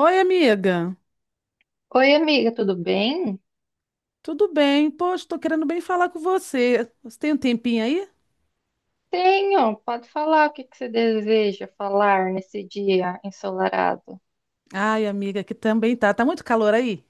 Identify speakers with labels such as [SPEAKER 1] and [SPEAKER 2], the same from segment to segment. [SPEAKER 1] Oi, amiga.
[SPEAKER 2] Oi, amiga, tudo bem?
[SPEAKER 1] Tudo bem? Poxa, tô querendo bem falar com você. Você tem um tempinho aí?
[SPEAKER 2] Tenho, pode falar o que que você deseja falar nesse dia ensolarado.
[SPEAKER 1] Ai, amiga, que também tá. Tá muito calor aí?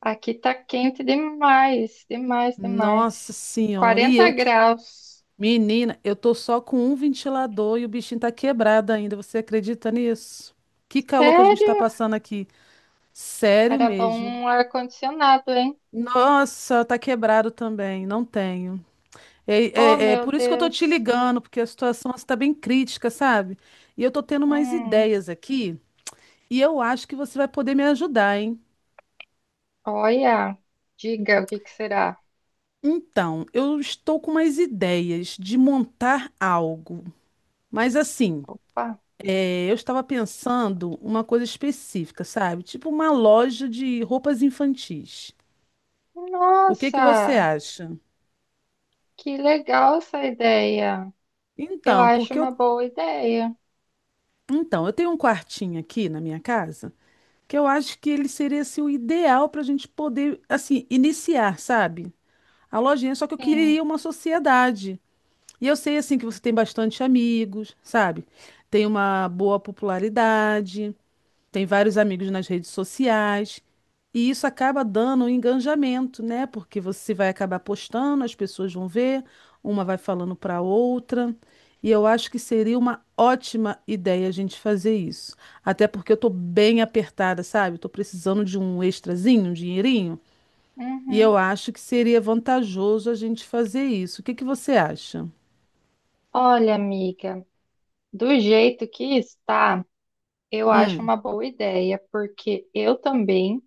[SPEAKER 2] Aqui tá quente demais, demais,
[SPEAKER 1] Nossa
[SPEAKER 2] demais.
[SPEAKER 1] senhora, e
[SPEAKER 2] 40
[SPEAKER 1] eu,
[SPEAKER 2] graus.
[SPEAKER 1] menina, eu tô só com um ventilador e o bichinho tá quebrado ainda. Você acredita nisso? Que calor que a gente tá
[SPEAKER 2] Sério?
[SPEAKER 1] passando aqui. Sério
[SPEAKER 2] Era bom
[SPEAKER 1] mesmo.
[SPEAKER 2] um ar-condicionado, hein?
[SPEAKER 1] Nossa, tá quebrado também, não tenho.
[SPEAKER 2] Oh,
[SPEAKER 1] É
[SPEAKER 2] meu
[SPEAKER 1] por isso que eu tô te
[SPEAKER 2] Deus.
[SPEAKER 1] ligando, porque a situação está bem crítica, sabe? E eu tô tendo umas
[SPEAKER 2] Hum,
[SPEAKER 1] ideias aqui. E eu acho que você vai poder me ajudar, hein?
[SPEAKER 2] Olha, diga o que que será.
[SPEAKER 1] Então, eu estou com umas ideias de montar algo. Mas assim,
[SPEAKER 2] Pá.
[SPEAKER 1] eu estava pensando uma coisa específica, sabe? Tipo uma loja de roupas infantis. O que que você
[SPEAKER 2] Nossa,
[SPEAKER 1] acha?
[SPEAKER 2] que legal essa ideia. Eu
[SPEAKER 1] Então,
[SPEAKER 2] acho
[SPEAKER 1] porque eu,
[SPEAKER 2] uma boa ideia.
[SPEAKER 1] então, eu tenho um quartinho aqui na minha casa que eu acho que ele seria assim, o ideal para a gente poder, assim, iniciar, sabe? A lojinha, só que eu
[SPEAKER 2] Sim.
[SPEAKER 1] queria uma sociedade. E eu sei assim que você tem bastante amigos, sabe? Tem uma boa popularidade, tem vários amigos nas redes sociais, e isso acaba dando um engajamento, né? Porque você vai acabar postando, as pessoas vão ver, uma vai falando para outra. E eu acho que seria uma ótima ideia a gente fazer isso. Até porque eu tô bem apertada, sabe? Eu tô precisando de um extrazinho, um dinheirinho, e eu
[SPEAKER 2] Uhum.
[SPEAKER 1] acho que seria vantajoso a gente fazer isso. O que que você acha?
[SPEAKER 2] Olha, amiga. Do jeito que está, eu acho
[SPEAKER 1] Hum.
[SPEAKER 2] uma boa ideia, porque eu também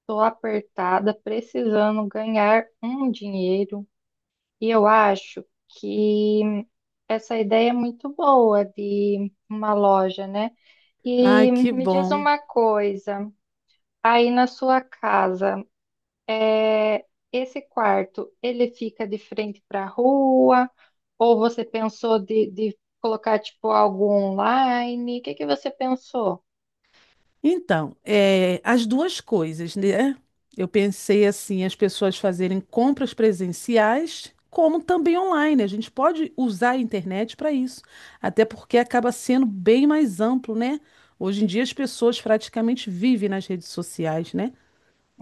[SPEAKER 2] estou apertada, precisando ganhar um dinheiro, e eu acho que essa ideia é muito boa de uma loja, né?
[SPEAKER 1] Ai,
[SPEAKER 2] E
[SPEAKER 1] que
[SPEAKER 2] me diz
[SPEAKER 1] bom.
[SPEAKER 2] uma coisa, aí na sua casa. É, esse quarto, ele fica de frente para a rua? Ou você pensou de colocar tipo algo online? O que que você pensou?
[SPEAKER 1] Então, é, as duas coisas, né? Eu pensei assim, as pessoas fazerem compras presenciais, como também online. A gente pode usar a internet para isso, até porque acaba sendo bem mais amplo, né? Hoje em dia as pessoas praticamente vivem nas redes sociais, né?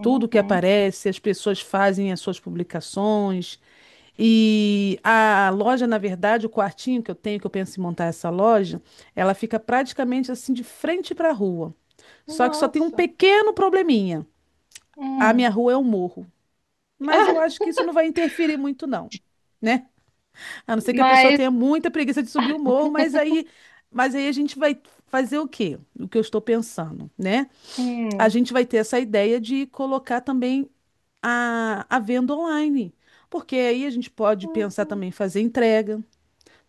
[SPEAKER 1] Tudo que aparece, as pessoas fazem as suas publicações. E a loja, na verdade, o quartinho que eu tenho, que eu penso em montar essa loja, ela fica praticamente assim de frente para a rua. Só que só tem um
[SPEAKER 2] Nossa.
[SPEAKER 1] pequeno probleminha. A
[SPEAKER 2] Hum.
[SPEAKER 1] minha rua é um morro. Mas eu
[SPEAKER 2] Ah,
[SPEAKER 1] acho que isso não vai interferir muito, não, né? A não ser que a pessoa
[SPEAKER 2] mas.
[SPEAKER 1] tenha muita preguiça de subir o morro, mas aí a gente vai fazer o quê? O que eu estou pensando, né? A
[SPEAKER 2] Hum,
[SPEAKER 1] gente vai ter essa ideia de colocar também a venda online. Porque aí a gente pode pensar
[SPEAKER 2] uhum.
[SPEAKER 1] também em fazer entrega.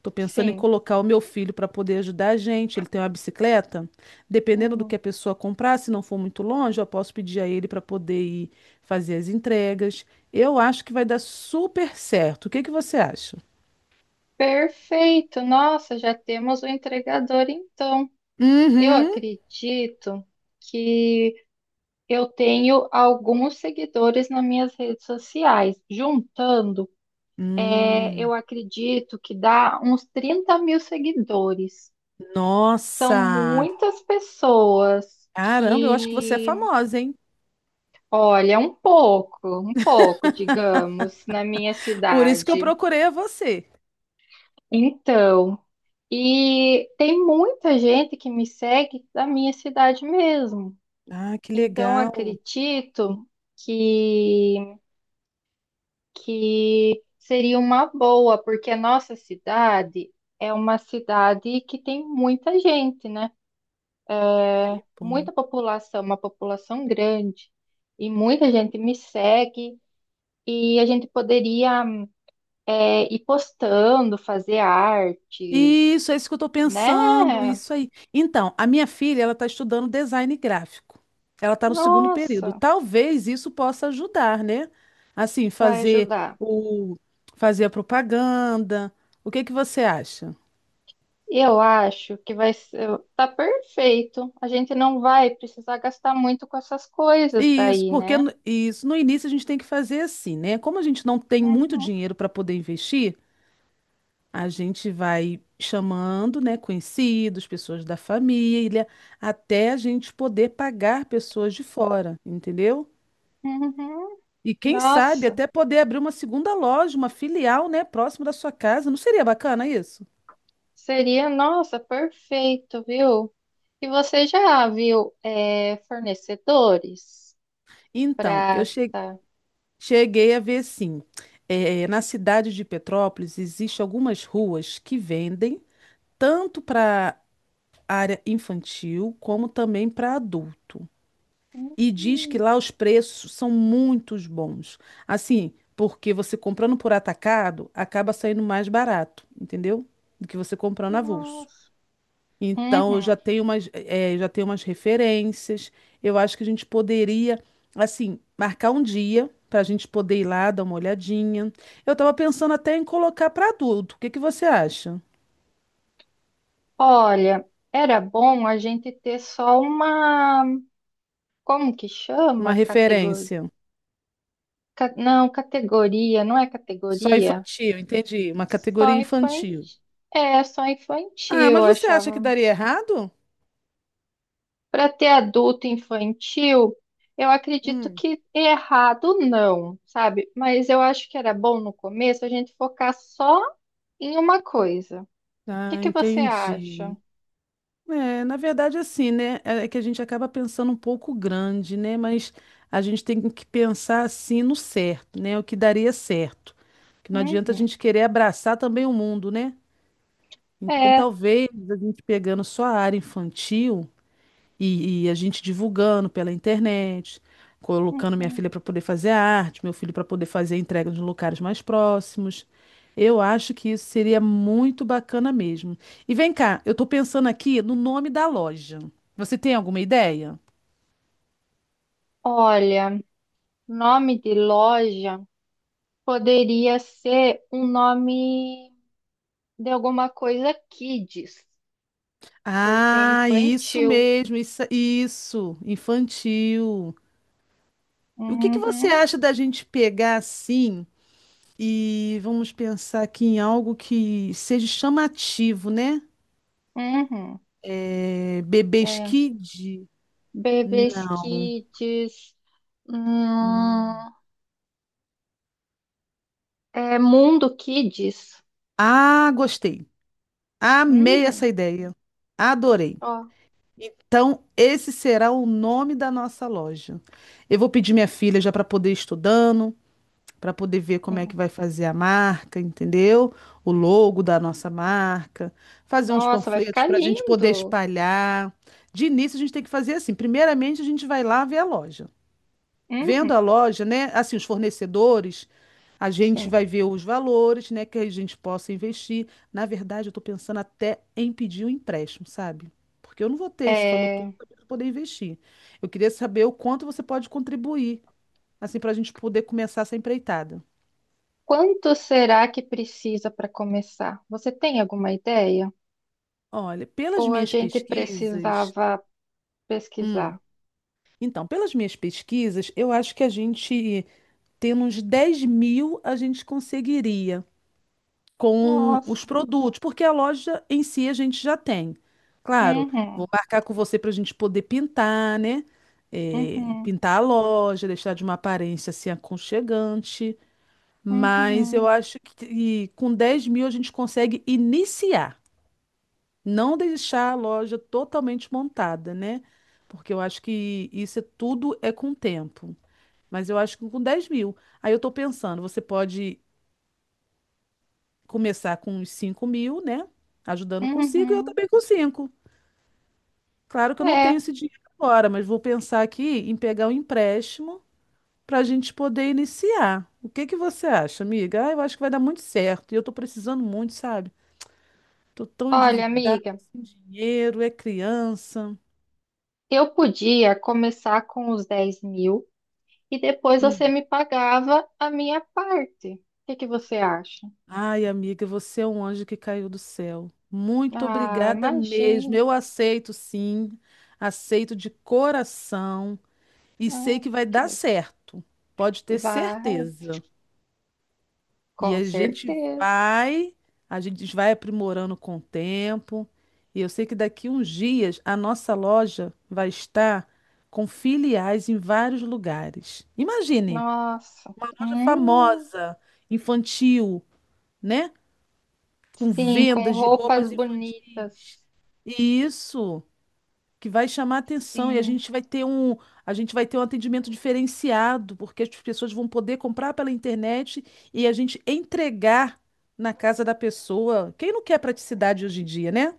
[SPEAKER 1] Tô pensando em
[SPEAKER 2] Sim.
[SPEAKER 1] colocar o meu filho para poder ajudar a gente. Ele tem uma bicicleta. Dependendo do
[SPEAKER 2] Hum.
[SPEAKER 1] que a pessoa comprar, se não for muito longe, eu posso pedir a ele para poder ir fazer as entregas. Eu acho que vai dar super certo. O que que você acha?
[SPEAKER 2] Perfeito. Nossa, já temos o entregador então. Eu
[SPEAKER 1] Uhum.
[SPEAKER 2] acredito que eu tenho alguns seguidores nas minhas redes sociais. Juntando. É,
[SPEAKER 1] Hum.
[SPEAKER 2] eu acredito que dá uns 30 mil seguidores. São
[SPEAKER 1] Nossa!
[SPEAKER 2] muitas pessoas
[SPEAKER 1] Caramba, eu acho que você é
[SPEAKER 2] que,
[SPEAKER 1] famosa, hein?
[SPEAKER 2] olha, um pouco, digamos, na minha
[SPEAKER 1] Por isso que eu
[SPEAKER 2] cidade.
[SPEAKER 1] procurei a você.
[SPEAKER 2] Então, e tem muita gente que me segue da minha cidade mesmo.
[SPEAKER 1] Ah, que
[SPEAKER 2] Então,
[SPEAKER 1] legal.
[SPEAKER 2] acredito que, que seria uma boa, porque a nossa cidade é uma cidade que tem muita gente, né?
[SPEAKER 1] Que bom.
[SPEAKER 2] Muita população, uma população grande, e muita gente me segue, e a gente poderia ir postando, fazer artes,
[SPEAKER 1] Isso, é isso que eu tô
[SPEAKER 2] né?
[SPEAKER 1] pensando, isso aí. Então, a minha filha, ela tá estudando design gráfico. Ela tá no segundo período.
[SPEAKER 2] Nossa,
[SPEAKER 1] Talvez isso possa ajudar, né? Assim,
[SPEAKER 2] vai
[SPEAKER 1] fazer
[SPEAKER 2] ajudar.
[SPEAKER 1] o fazer a propaganda. O que que você acha?
[SPEAKER 2] Eu acho que vai ser, tá perfeito. A gente não vai precisar gastar muito com essas coisas
[SPEAKER 1] Isso,
[SPEAKER 2] daí,
[SPEAKER 1] porque
[SPEAKER 2] né?
[SPEAKER 1] isso no início a gente tem que fazer assim, né? Como a gente não tem muito
[SPEAKER 2] Uhum,
[SPEAKER 1] dinheiro para poder investir, a gente vai chamando, né, conhecidos, pessoas da família, até a gente poder pagar pessoas de fora, entendeu?
[SPEAKER 2] uhum.
[SPEAKER 1] E quem sabe
[SPEAKER 2] Nossa.
[SPEAKER 1] até poder abrir uma segunda loja, uma filial, né, próximo da sua casa. Não seria bacana isso?
[SPEAKER 2] Seria, nossa, perfeito, viu? E você já viu fornecedores?
[SPEAKER 1] Então, eu
[SPEAKER 2] Prata.
[SPEAKER 1] cheguei a ver sim. Na cidade de Petrópolis existem algumas ruas que vendem tanto para área infantil como também para adulto. E diz que
[SPEAKER 2] Hum,
[SPEAKER 1] lá os preços são muito bons. Assim, porque você comprando por atacado acaba saindo mais barato, entendeu? Do que você comprando avulso.
[SPEAKER 2] nossa.
[SPEAKER 1] Então, eu já
[SPEAKER 2] Uhum.
[SPEAKER 1] tenho umas, eh, já tenho umas referências. Eu acho que a gente poderia, assim, marcar um dia para a gente poder ir lá dar uma olhadinha. Eu estava pensando até em colocar para adulto. O que que você acha?
[SPEAKER 2] Olha, era bom a gente ter só uma. Como que chama?
[SPEAKER 1] Uma
[SPEAKER 2] Categoria.
[SPEAKER 1] referência.
[SPEAKER 2] Não, categoria, não é
[SPEAKER 1] Só
[SPEAKER 2] categoria.
[SPEAKER 1] infantil, entendi. Uma categoria
[SPEAKER 2] Só infantil.
[SPEAKER 1] infantil.
[SPEAKER 2] É, só infantil,
[SPEAKER 1] Ah,
[SPEAKER 2] eu
[SPEAKER 1] mas você acha que
[SPEAKER 2] achava.
[SPEAKER 1] daria errado?
[SPEAKER 2] Para ter adulto infantil, eu acredito
[SPEAKER 1] Hum.
[SPEAKER 2] que errado não, sabe? Mas eu acho que era bom no começo a gente focar só em uma coisa. O que
[SPEAKER 1] Ah,
[SPEAKER 2] que você acha?
[SPEAKER 1] entendi. É, na verdade, assim, né? É que a gente acaba pensando um pouco grande, né? Mas a gente tem que pensar assim no certo, né? O que daria certo. Que não adianta a
[SPEAKER 2] Uhum.
[SPEAKER 1] gente querer abraçar também o mundo, né? Então,
[SPEAKER 2] É.
[SPEAKER 1] talvez a gente pegando só a área infantil. E a gente divulgando pela internet, colocando minha
[SPEAKER 2] Uhum.
[SPEAKER 1] filha para poder fazer a arte, meu filho para poder fazer a entrega nos locais mais próximos. Eu acho que isso seria muito bacana mesmo. E vem cá, eu estou pensando aqui no nome da loja. Você tem alguma ideia?
[SPEAKER 2] Olha, nome de loja poderia ser um nome de alguma coisa kids, por ser
[SPEAKER 1] Ah, isso
[SPEAKER 2] infantil.
[SPEAKER 1] mesmo, isso, infantil. O que que você
[SPEAKER 2] Uhum,
[SPEAKER 1] acha da gente pegar assim e vamos pensar aqui em algo que seja chamativo, né?
[SPEAKER 2] uhum.
[SPEAKER 1] É, Bebês
[SPEAKER 2] É,
[SPEAKER 1] Kid?
[SPEAKER 2] Bebês
[SPEAKER 1] Não.
[SPEAKER 2] kids. Hum, É Mundo Kids.
[SPEAKER 1] Ah, gostei. Amei essa
[SPEAKER 2] Uhum.
[SPEAKER 1] ideia. Adorei.
[SPEAKER 2] Ó,
[SPEAKER 1] Então, esse será o nome da nossa loja. Eu vou pedir minha filha já para poder ir estudando, para poder ver como é que
[SPEAKER 2] Sim.
[SPEAKER 1] vai fazer a marca, entendeu? O logo da nossa marca, fazer uns
[SPEAKER 2] Nossa, vai
[SPEAKER 1] panfletos
[SPEAKER 2] ficar
[SPEAKER 1] para a gente poder
[SPEAKER 2] lindo.
[SPEAKER 1] espalhar. De início, a gente tem que fazer assim. Primeiramente, a gente vai lá ver a loja. Vendo a
[SPEAKER 2] Uhum.
[SPEAKER 1] loja, né? Assim, os fornecedores, a gente
[SPEAKER 2] Sim.
[SPEAKER 1] vai ver os valores, né? Que a gente possa investir. Na verdade, eu estou pensando até em pedir um empréstimo, sabe? Porque eu não vou ter esse valor todo
[SPEAKER 2] É,
[SPEAKER 1] para poder investir. Eu queria saber o quanto você pode contribuir, assim, para a gente poder começar essa empreitada.
[SPEAKER 2] quanto será que precisa para começar? Você tem alguma ideia?
[SPEAKER 1] Olha, pelas
[SPEAKER 2] Ou a
[SPEAKER 1] minhas
[SPEAKER 2] gente
[SPEAKER 1] pesquisas.
[SPEAKER 2] precisava
[SPEAKER 1] Hum,
[SPEAKER 2] pesquisar?
[SPEAKER 1] então, pelas minhas pesquisas, eu acho que a gente, tendo uns 10 mil, a gente conseguiria, com os
[SPEAKER 2] Nossa.
[SPEAKER 1] produtos, porque a loja em si a gente já tem. Claro,
[SPEAKER 2] Uhum.
[SPEAKER 1] vou marcar com você para a gente poder pintar, né? É,
[SPEAKER 2] Uhum.
[SPEAKER 1] pintar a loja, deixar de uma aparência assim aconchegante. Mas eu
[SPEAKER 2] Uhum.
[SPEAKER 1] acho que com 10 mil a gente consegue iniciar, não deixar a loja totalmente montada, né? Porque eu acho que tudo é com o tempo. Mas eu acho que com 10 mil. Aí eu estou pensando, você pode começar com uns 5 mil, né? Ajudando com 5 e eu
[SPEAKER 2] Uhum.
[SPEAKER 1] também com 5. Claro que eu não
[SPEAKER 2] É,
[SPEAKER 1] tenho esse dinheiro agora, mas vou pensar aqui em pegar um empréstimo para a gente poder iniciar. O que que você acha, amiga? Ah, eu acho que vai dar muito certo. E eu tô precisando muito, sabe? Tô tão
[SPEAKER 2] olha,
[SPEAKER 1] endividada,
[SPEAKER 2] amiga,
[SPEAKER 1] sem dinheiro, é criança.
[SPEAKER 2] eu podia começar com os 10 mil e depois você
[SPEAKER 1] Hum.
[SPEAKER 2] me pagava a minha parte. O que que você acha?
[SPEAKER 1] Ai, amiga, você é um anjo que caiu do céu. Muito
[SPEAKER 2] Ah,
[SPEAKER 1] obrigada mesmo.
[SPEAKER 2] imagina.
[SPEAKER 1] Eu aceito, sim. Aceito de coração e sei
[SPEAKER 2] Ah,
[SPEAKER 1] que vai
[SPEAKER 2] que
[SPEAKER 1] dar
[SPEAKER 2] legal.
[SPEAKER 1] certo. Pode ter
[SPEAKER 2] Vai,
[SPEAKER 1] certeza. E
[SPEAKER 2] com certeza.
[SPEAKER 1] a gente vai aprimorando com o tempo. E eu sei que daqui uns dias a nossa loja vai estar com filiais em vários lugares. Imagine,
[SPEAKER 2] Nossa.
[SPEAKER 1] uma loja
[SPEAKER 2] Hum,
[SPEAKER 1] famosa, infantil, né? Com
[SPEAKER 2] sim, com
[SPEAKER 1] vendas de
[SPEAKER 2] roupas
[SPEAKER 1] roupas infantis.
[SPEAKER 2] bonitas.
[SPEAKER 1] Isso. Que vai chamar atenção e a
[SPEAKER 2] Sim.
[SPEAKER 1] gente vai ter um, a gente vai ter um atendimento diferenciado, porque as pessoas vão poder comprar pela internet e a gente entregar na casa da pessoa. Quem não quer praticidade hoje em dia, né?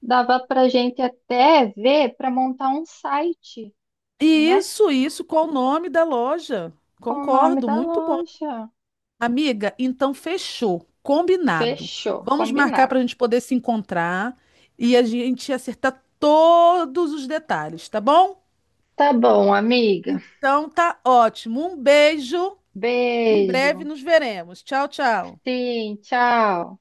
[SPEAKER 2] Dava pra gente até ver para montar um site,
[SPEAKER 1] E
[SPEAKER 2] né?
[SPEAKER 1] isso, qual o nome da loja?
[SPEAKER 2] Com o nome
[SPEAKER 1] Concordo,
[SPEAKER 2] da
[SPEAKER 1] muito bom.
[SPEAKER 2] loja.
[SPEAKER 1] Amiga, então fechou, combinado.
[SPEAKER 2] Fechou,
[SPEAKER 1] Vamos marcar
[SPEAKER 2] combinado.
[SPEAKER 1] para a gente poder se encontrar e a gente acertar todos os detalhes, tá bom?
[SPEAKER 2] Tá bom, amiga.
[SPEAKER 1] Então tá ótimo. Um beijo. Em breve
[SPEAKER 2] Beijo.
[SPEAKER 1] nos veremos. Tchau, tchau.
[SPEAKER 2] Sim, tchau.